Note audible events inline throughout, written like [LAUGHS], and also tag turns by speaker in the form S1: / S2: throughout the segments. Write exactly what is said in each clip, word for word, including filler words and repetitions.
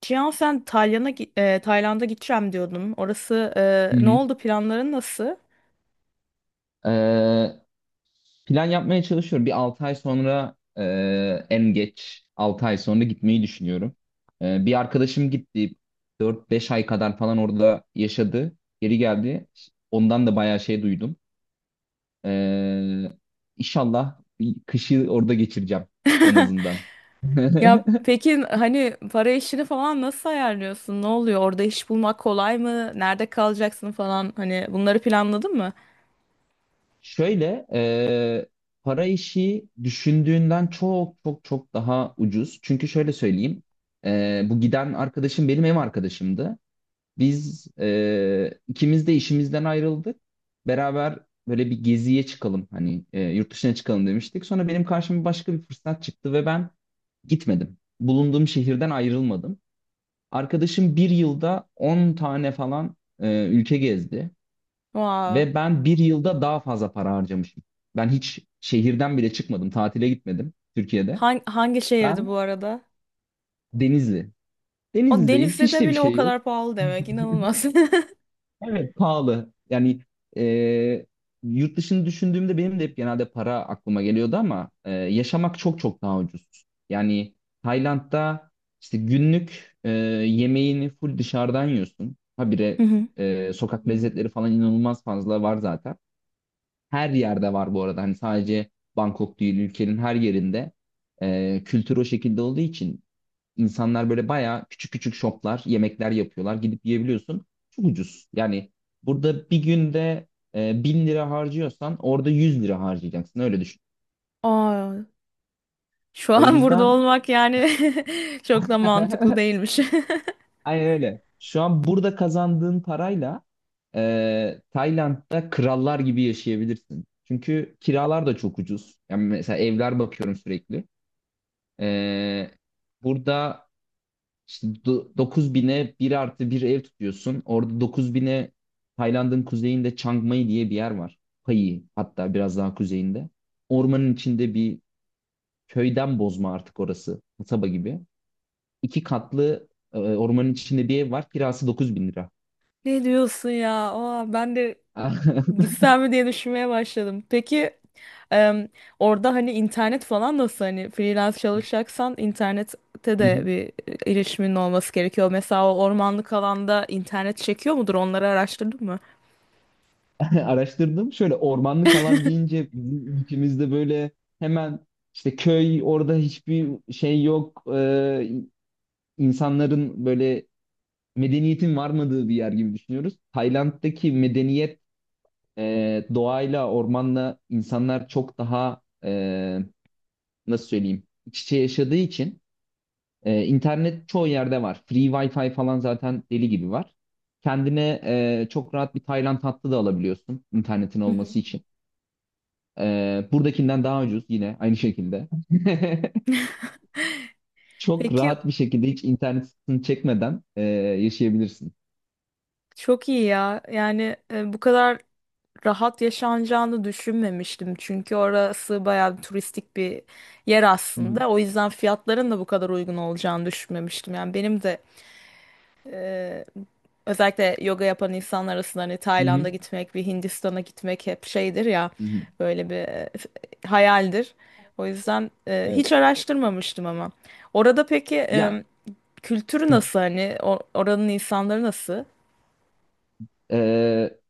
S1: Cihan sen Tayland'a gi- e, Tayland'a gideceğim diyordun. Orası
S2: Hı
S1: e, ne
S2: hı.
S1: oldu planların nasıl?
S2: Ee, plan yapmaya çalışıyorum. Bir altı ay sonra e, en geç altı ay sonra gitmeyi düşünüyorum. Ee, bir arkadaşım gitti. Dört beş ay kadar falan orada yaşadı. Geri geldi. Ondan da bayağı şey duydum. Ee, inşallah bir kışı orada geçireceğim en azından.
S1: Ya
S2: [LAUGHS]
S1: peki hani para işini falan nasıl ayarlıyorsun? Ne oluyor? Orada iş bulmak kolay mı? Nerede kalacaksın falan? Hani bunları planladın mı?
S2: Şöyle e, para işi düşündüğünden çok çok çok daha ucuz. Çünkü şöyle söyleyeyim. e, bu giden arkadaşım benim ev arkadaşımdı. Biz e, ikimiz de işimizden ayrıldık. Beraber böyle bir geziye çıkalım hani e, yurt dışına çıkalım demiştik. Sonra benim karşıma başka bir fırsat çıktı ve ben gitmedim. Bulunduğum şehirden ayrılmadım. Arkadaşım bir yılda on tane falan e, ülke gezdi.
S1: Wow.
S2: Ve ben bir yılda daha fazla para harcamışım. Ben hiç şehirden bile çıkmadım. Tatile gitmedim Türkiye'de.
S1: Hangi, hangi şehirdi bu
S2: Ben
S1: arada?
S2: Denizli.
S1: O
S2: Denizli'deyim. Hiç
S1: Denizli'de
S2: de bir
S1: bile o
S2: şey yok.
S1: kadar pahalı demek. İnanılmaz. [LAUGHS]
S2: Evet, pahalı. Yani e, yurt dışını düşündüğümde benim de hep genelde para aklıma geliyordu ama e, yaşamak çok çok daha ucuz. Yani Tayland'da işte günlük e, yemeğini full dışarıdan yiyorsun.
S1: Hı
S2: Habire
S1: hı.
S2: e, sokak lezzetleri falan inanılmaz fazla var zaten. Her yerde var bu arada. Hani sadece Bangkok değil, ülkenin her yerinde e, kültür o şekilde olduğu için İnsanlar böyle bayağı küçük küçük şoplar, yemekler yapıyorlar. Gidip yiyebiliyorsun. Çok ucuz. Yani burada bir günde e, bin lira harcıyorsan orada yüz lira harcayacaksın. Öyle düşün.
S1: Aa, şu
S2: O
S1: an burada
S2: yüzden
S1: olmak yani [LAUGHS] çok da mantıklı
S2: [LAUGHS]
S1: değilmiş. [LAUGHS]
S2: aynen öyle. Şu an burada kazandığın parayla e, Tayland'da krallar gibi yaşayabilirsin. Çünkü kiralar da çok ucuz. Yani mesela evler bakıyorum sürekli. E, burada İşte do- dokuz bine bir artı bir ev tutuyorsun. Orada dokuz bine, Tayland'ın kuzeyinde Chiang Mai diye bir yer var. Pai hatta biraz daha kuzeyinde. Ormanın içinde bir köyden bozma artık orası. Kasaba gibi. İki katlı e, ormanın içinde bir ev var. Kirası dokuz bin lira.
S1: Ne diyorsun ya? Aa, ben de
S2: [LAUGHS]
S1: gitsem mi diye düşünmeye başladım. Peki em, orada hani internet falan nasıl, hani freelance çalışacaksan internette
S2: Hı
S1: de
S2: hı.
S1: bir e, erişimin olması gerekiyor. Mesela o ormanlık alanda internet çekiyor mudur? Onları araştırdın mı?
S2: [LAUGHS] Araştırdım. Şöyle ormanlık alan deyince bizim ülkemizde böyle hemen işte köy, orada hiçbir şey yok. Ee, insanların böyle medeniyetin varmadığı bir yer gibi düşünüyoruz. Tayland'daki medeniyet e, doğayla, ormanla insanlar çok daha e, nasıl söyleyeyim, iç içe yaşadığı için e, internet çoğu yerde var. Free Wi-Fi falan zaten deli gibi var. Kendine e, çok rahat bir Tayland hattı da alabiliyorsun internetin
S1: Hı hı.
S2: olması için. E, buradakinden daha ucuz yine aynı şekilde. [LAUGHS]
S1: [LAUGHS]
S2: Çok
S1: Peki
S2: rahat bir şekilde, hiç internet sıkıntısını çekmeden e, yaşayabilirsin.
S1: çok iyi ya. Yani e, bu kadar rahat yaşanacağını düşünmemiştim. Çünkü orası bayağı bir turistik bir yer
S2: Hı hı.
S1: aslında. O yüzden fiyatların da bu kadar uygun olacağını düşünmemiştim. Yani benim de e, özellikle yoga yapan insanlar arasında hani
S2: Hı
S1: Tayland'a
S2: hı.
S1: gitmek, bir Hindistan'a gitmek hep şeydir ya,
S2: Hı hı.
S1: böyle bir e, hayaldir. O yüzden e,
S2: Evet.
S1: hiç araştırmamıştım ama. Orada peki
S2: Ya,
S1: e, kültürü nasıl, hani O- oranın insanları nasıl?
S2: Ee,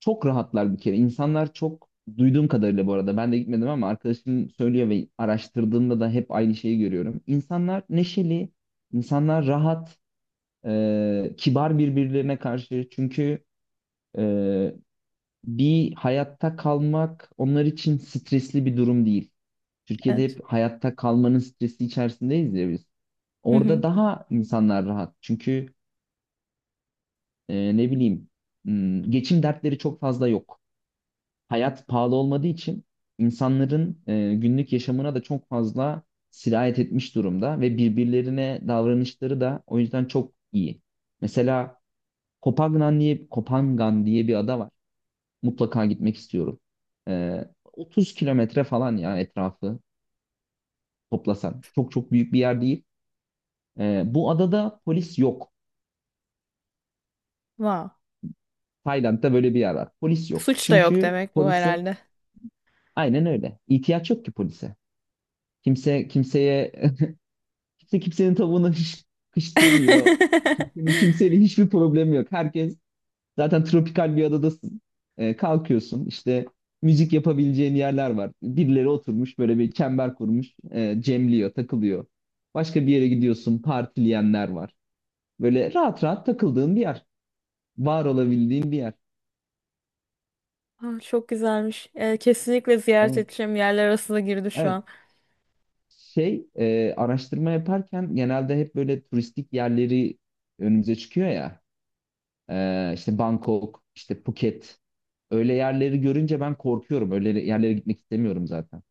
S2: çok rahatlar bir kere. İnsanlar çok, duyduğum kadarıyla bu arada ben de gitmedim ama arkadaşım söylüyor ve araştırdığımda da hep aynı şeyi görüyorum. İnsanlar neşeli, insanlar rahat, e, kibar birbirlerine karşı. Çünkü e, bir hayatta kalmak onlar için stresli bir durum değil. Türkiye'de
S1: Evet.
S2: hep hayatta kalmanın stresi içerisindeyiz ya biz.
S1: Hı
S2: Orada
S1: hı.
S2: daha insanlar rahat. Çünkü e, ne bileyim, hmm, geçim dertleri çok fazla yok. Hayat pahalı olmadığı için insanların e, günlük yaşamına da çok fazla sirayet etmiş durumda ve birbirlerine davranışları da o yüzden çok iyi. Mesela Kopangan diye, Kopangan diye bir ada var. Mutlaka gitmek istiyorum. E, otuz kilometre falan ya etrafı toplasan. Çok çok büyük bir yer değil. E, bu adada polis yok.
S1: Wow.
S2: Tayland'da böyle bir yer var. Polis yok.
S1: Suç da yok
S2: Çünkü
S1: demek bu
S2: polise,
S1: herhalde.
S2: aynen öyle, İhtiyaç yok ki polise. Kimse kimseye Kimse kimsenin tavuğuna hiç kış demiyor. Kimsenin kimseyle
S1: [LAUGHS]
S2: hiçbir problemi yok. Herkes, zaten tropikal bir adadasın. Ee, kalkıyorsun işte, müzik yapabileceğin yerler var. Birileri oturmuş böyle bir çember kurmuş. E, cemliyor, takılıyor. Başka bir yere gidiyorsun, partileyenler var. Böyle rahat rahat takıldığın bir yer. Var olabildiğin bir yer.
S1: Aa, çok güzelmiş. Ee, kesinlikle ziyaret
S2: Evet.
S1: edeceğim yerler arasında girdi şu
S2: Evet.
S1: an.
S2: Şey e, araştırma yaparken genelde hep böyle turistik yerleri önümüze çıkıyor ya. Ee, işte Bangkok, işte Phuket. Öyle yerleri görünce ben korkuyorum. Öyle yerlere gitmek istemiyorum zaten.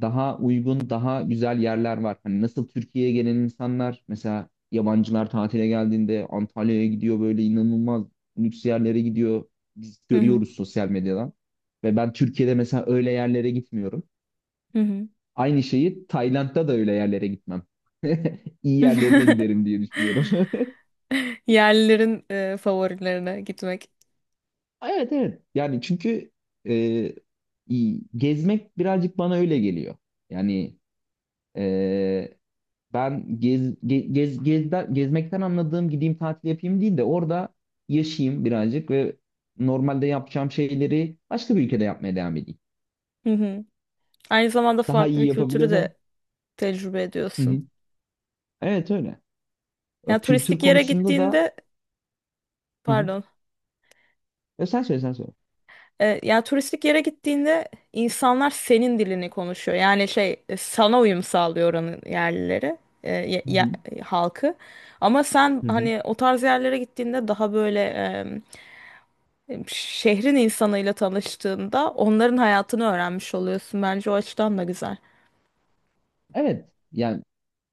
S2: Daha uygun, daha güzel yerler var. Hani nasıl Türkiye'ye gelen insanlar, mesela yabancılar tatile geldiğinde Antalya'ya gidiyor, böyle inanılmaz lüks yerlere gidiyor. Biz
S1: Hı hı.
S2: görüyoruz sosyal medyadan. Ve ben Türkiye'de mesela öyle yerlere gitmiyorum.
S1: Hı hı.
S2: Aynı şeyi Tayland'da da öyle yerlere gitmem. [LAUGHS] İyi yerlerine
S1: [LAUGHS]
S2: giderim diye düşünüyorum. [LAUGHS]
S1: Yerlilerin e, favorilerine gitmek.
S2: Evet, evet. Yani çünkü e, iyi- gezmek birazcık bana öyle geliyor. Yani Ee, ben gez, ge- gez, gezde- gezmekten anladığım gideyim tatil yapayım değil de orada yaşayayım birazcık ve normalde yapacağım şeyleri başka bir ülkede yapmaya devam edeyim.
S1: Hı hı. Aynı zamanda
S2: Daha
S1: farklı
S2: iyi
S1: bir kültürü
S2: yapabilirsem.
S1: de tecrübe
S2: Hı
S1: ediyorsun.
S2: hı. Evet öyle. O
S1: Yani
S2: kültür
S1: turistik yere
S2: konusunda da
S1: gittiğinde,
S2: hı hı.
S1: pardon,
S2: E, sen söyle, sen söyle.
S1: E, ya turistik yere gittiğinde insanlar senin dilini konuşuyor. Yani şey e, sana uyum sağlıyor oranın yerlileri, e, ye-
S2: Hı
S1: ye-
S2: hı.
S1: halkı. Ama sen
S2: Hı hı.
S1: hani o tarz yerlere gittiğinde daha böyle e, şehrin insanıyla tanıştığında onların hayatını öğrenmiş oluyorsun. Bence o açıdan da güzel.
S2: Evet yani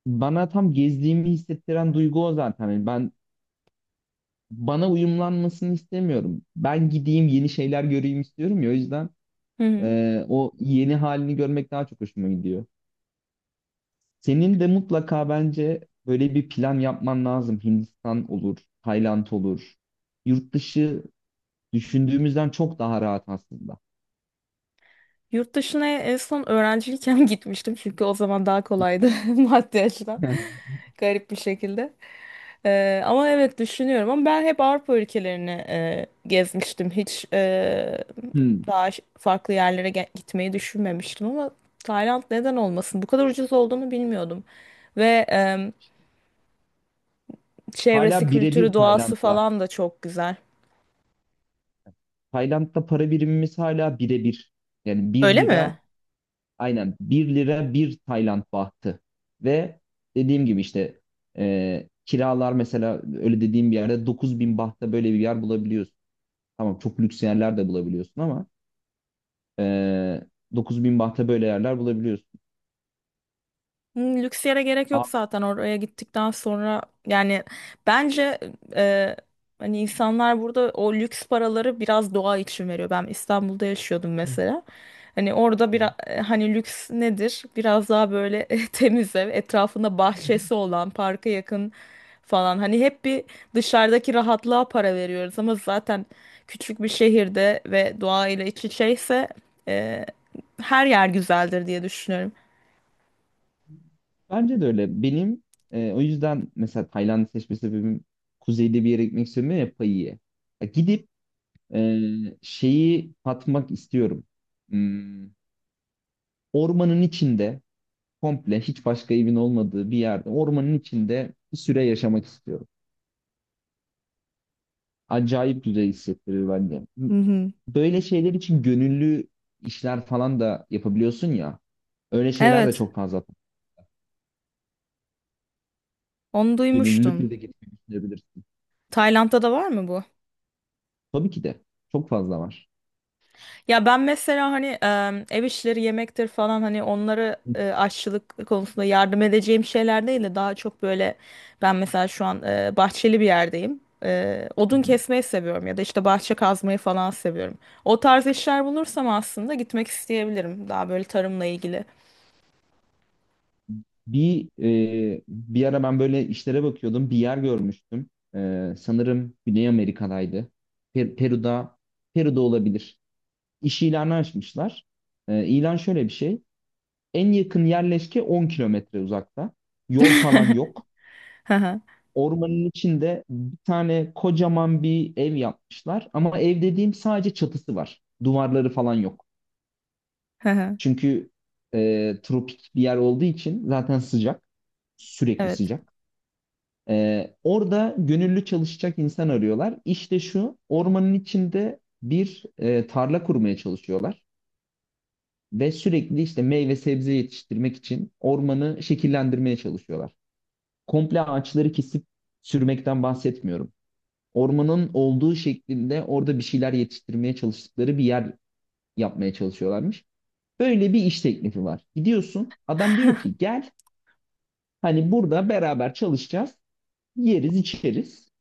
S2: bana tam gezdiğimi hissettiren duygu o zaten. Yani ben bana uyumlanmasını istemiyorum. Ben gideyim, yeni şeyler göreyim istiyorum ya. O yüzden
S1: Hı hı.
S2: Ee, o yeni halini görmek daha çok hoşuma gidiyor. Senin de mutlaka bence böyle bir plan yapman lazım. Hindistan olur, Tayland olur. Yurt dışı düşündüğümüzden çok daha rahat aslında.
S1: Yurt dışına en son öğrenciyken [LAUGHS] gitmiştim, çünkü o zaman daha kolaydı [LAUGHS] maddi açıdan.
S2: [LAUGHS]
S1: Garip bir şekilde. Ee, ama evet düşünüyorum, ama ben hep Avrupa ülkelerini e, gezmiştim. Hiç e,
S2: Hmm.
S1: daha ş- farklı yerlere ge- gitmeyi düşünmemiştim, ama Tayland neden olmasın? Bu kadar ucuz olduğunu bilmiyordum. Ve e, çevresi,
S2: Hala
S1: kültürü,
S2: birebir
S1: doğası
S2: Tayland'la.
S1: falan da çok güzel.
S2: Tayland'da para birimimiz hala birebir. Yani bir
S1: Öyle mi?
S2: lira, aynen bir lira bir Tayland bahtı. Ve dediğim gibi işte e, kiralar, mesela öyle dediğim bir yerde dokuz bin bahta böyle bir yer bulabiliyorsun. Tamam, çok lüks yerler de bulabiliyorsun, ama e, dokuz bin bahte böyle yerler bulabiliyorsun.
S1: Hmm, lüks yere gerek
S2: A-
S1: yok zaten oraya gittikten sonra. Yani bence e, hani insanlar burada o lüks paraları biraz doğa için veriyor. Ben İstanbul'da yaşıyordum
S2: Hı
S1: mesela. Hani orada
S2: hı.
S1: bir, hani lüks nedir? Biraz daha böyle [LAUGHS] temiz ev, etrafında bahçesi olan, parka yakın falan. Hani hep bir dışarıdaki rahatlığa para veriyoruz, ama zaten küçük bir şehirde ve doğayla iç içeyse e, her yer güzeldir diye düşünüyorum.
S2: Bence de öyle. Benim e, o yüzden mesela Tayland'ı seçme sebebim, kuzeyde bir yere gitmek istiyorum ya, Pai'ye. Ya gidip e, şeyi tatmak istiyorum. Hmm, ormanın içinde, komple hiç başka evin olmadığı bir yerde, ormanın içinde bir süre yaşamak istiyorum. Acayip güzel hissettirir bence.
S1: Hı hı.
S2: Böyle şeyler için gönüllü işler falan da yapabiliyorsun ya. Öyle şeyler de
S1: Evet.
S2: çok fazla.
S1: Onu duymuştum.
S2: Gönüllülükle de gitmeyi düşünebilirsin.
S1: Tayland'da da var mı bu?
S2: Tabii ki de. Çok fazla var.
S1: Ya ben mesela hani e, ev işleri yemektir falan, hani onları e, aşçılık konusunda yardım edeceğim şeyler değil de daha çok böyle ben mesela şu an e, bahçeli bir yerdeyim. E, odun kesmeyi seviyorum ya da işte bahçe kazmayı falan seviyorum. O tarz işler bulursam aslında gitmek isteyebilirim. Daha böyle tarımla ilgili.
S2: Bir e, bir ara ben böyle işlere bakıyordum. Bir yer görmüştüm. E, sanırım Güney Amerika'daydı. Per- Peru'da Peru'da olabilir. İş ilanı açmışlar. E, ilan şöyle bir şey. En yakın yerleşke on kilometre uzakta. Yol falan
S1: [LAUGHS]
S2: yok.
S1: Hı hı,
S2: Ormanın içinde bir tane kocaman bir ev yapmışlar. Ama ev dediğim, sadece çatısı var. Duvarları falan yok.
S1: hı hı.
S2: Çünkü e, tropik bir yer olduğu için zaten sıcak. Sürekli
S1: Evet.
S2: sıcak. E, orada gönüllü çalışacak insan arıyorlar. İşte şu ormanın içinde bir e, tarla kurmaya çalışıyorlar. Ve sürekli işte meyve sebze yetiştirmek için ormanı şekillendirmeye çalışıyorlar. Komple ağaçları kesip sürmekten bahsetmiyorum. Ormanın olduğu şeklinde orada bir şeyler yetiştirmeye çalıştıkları bir yer yapmaya çalışıyorlarmış. Böyle bir iş teklifi var. Gidiyorsun, adam diyor ki gel, hani burada beraber çalışacağız, yeriz içeriz.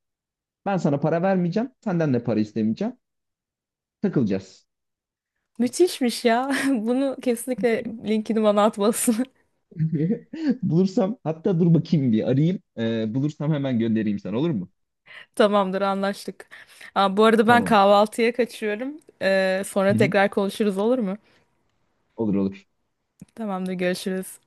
S2: Ben sana para vermeyeceğim, senden de para istemeyeceğim. Takılacağız.
S1: Müthişmiş ya. [LAUGHS] Bunu kesinlikle linkini bana atmalısın.
S2: [LAUGHS] Bulursam, hatta dur bakayım bir arayayım. Ee, bulursam hemen göndereyim sana, olur mu?
S1: Tamamdır, anlaştık. Aa, bu arada ben
S2: Tamam.
S1: kahvaltıya kaçıyorum. Ee, sonra
S2: Hı hı.
S1: tekrar konuşuruz, olur mu?
S2: Olur, olur.
S1: Tamamdır, görüşürüz.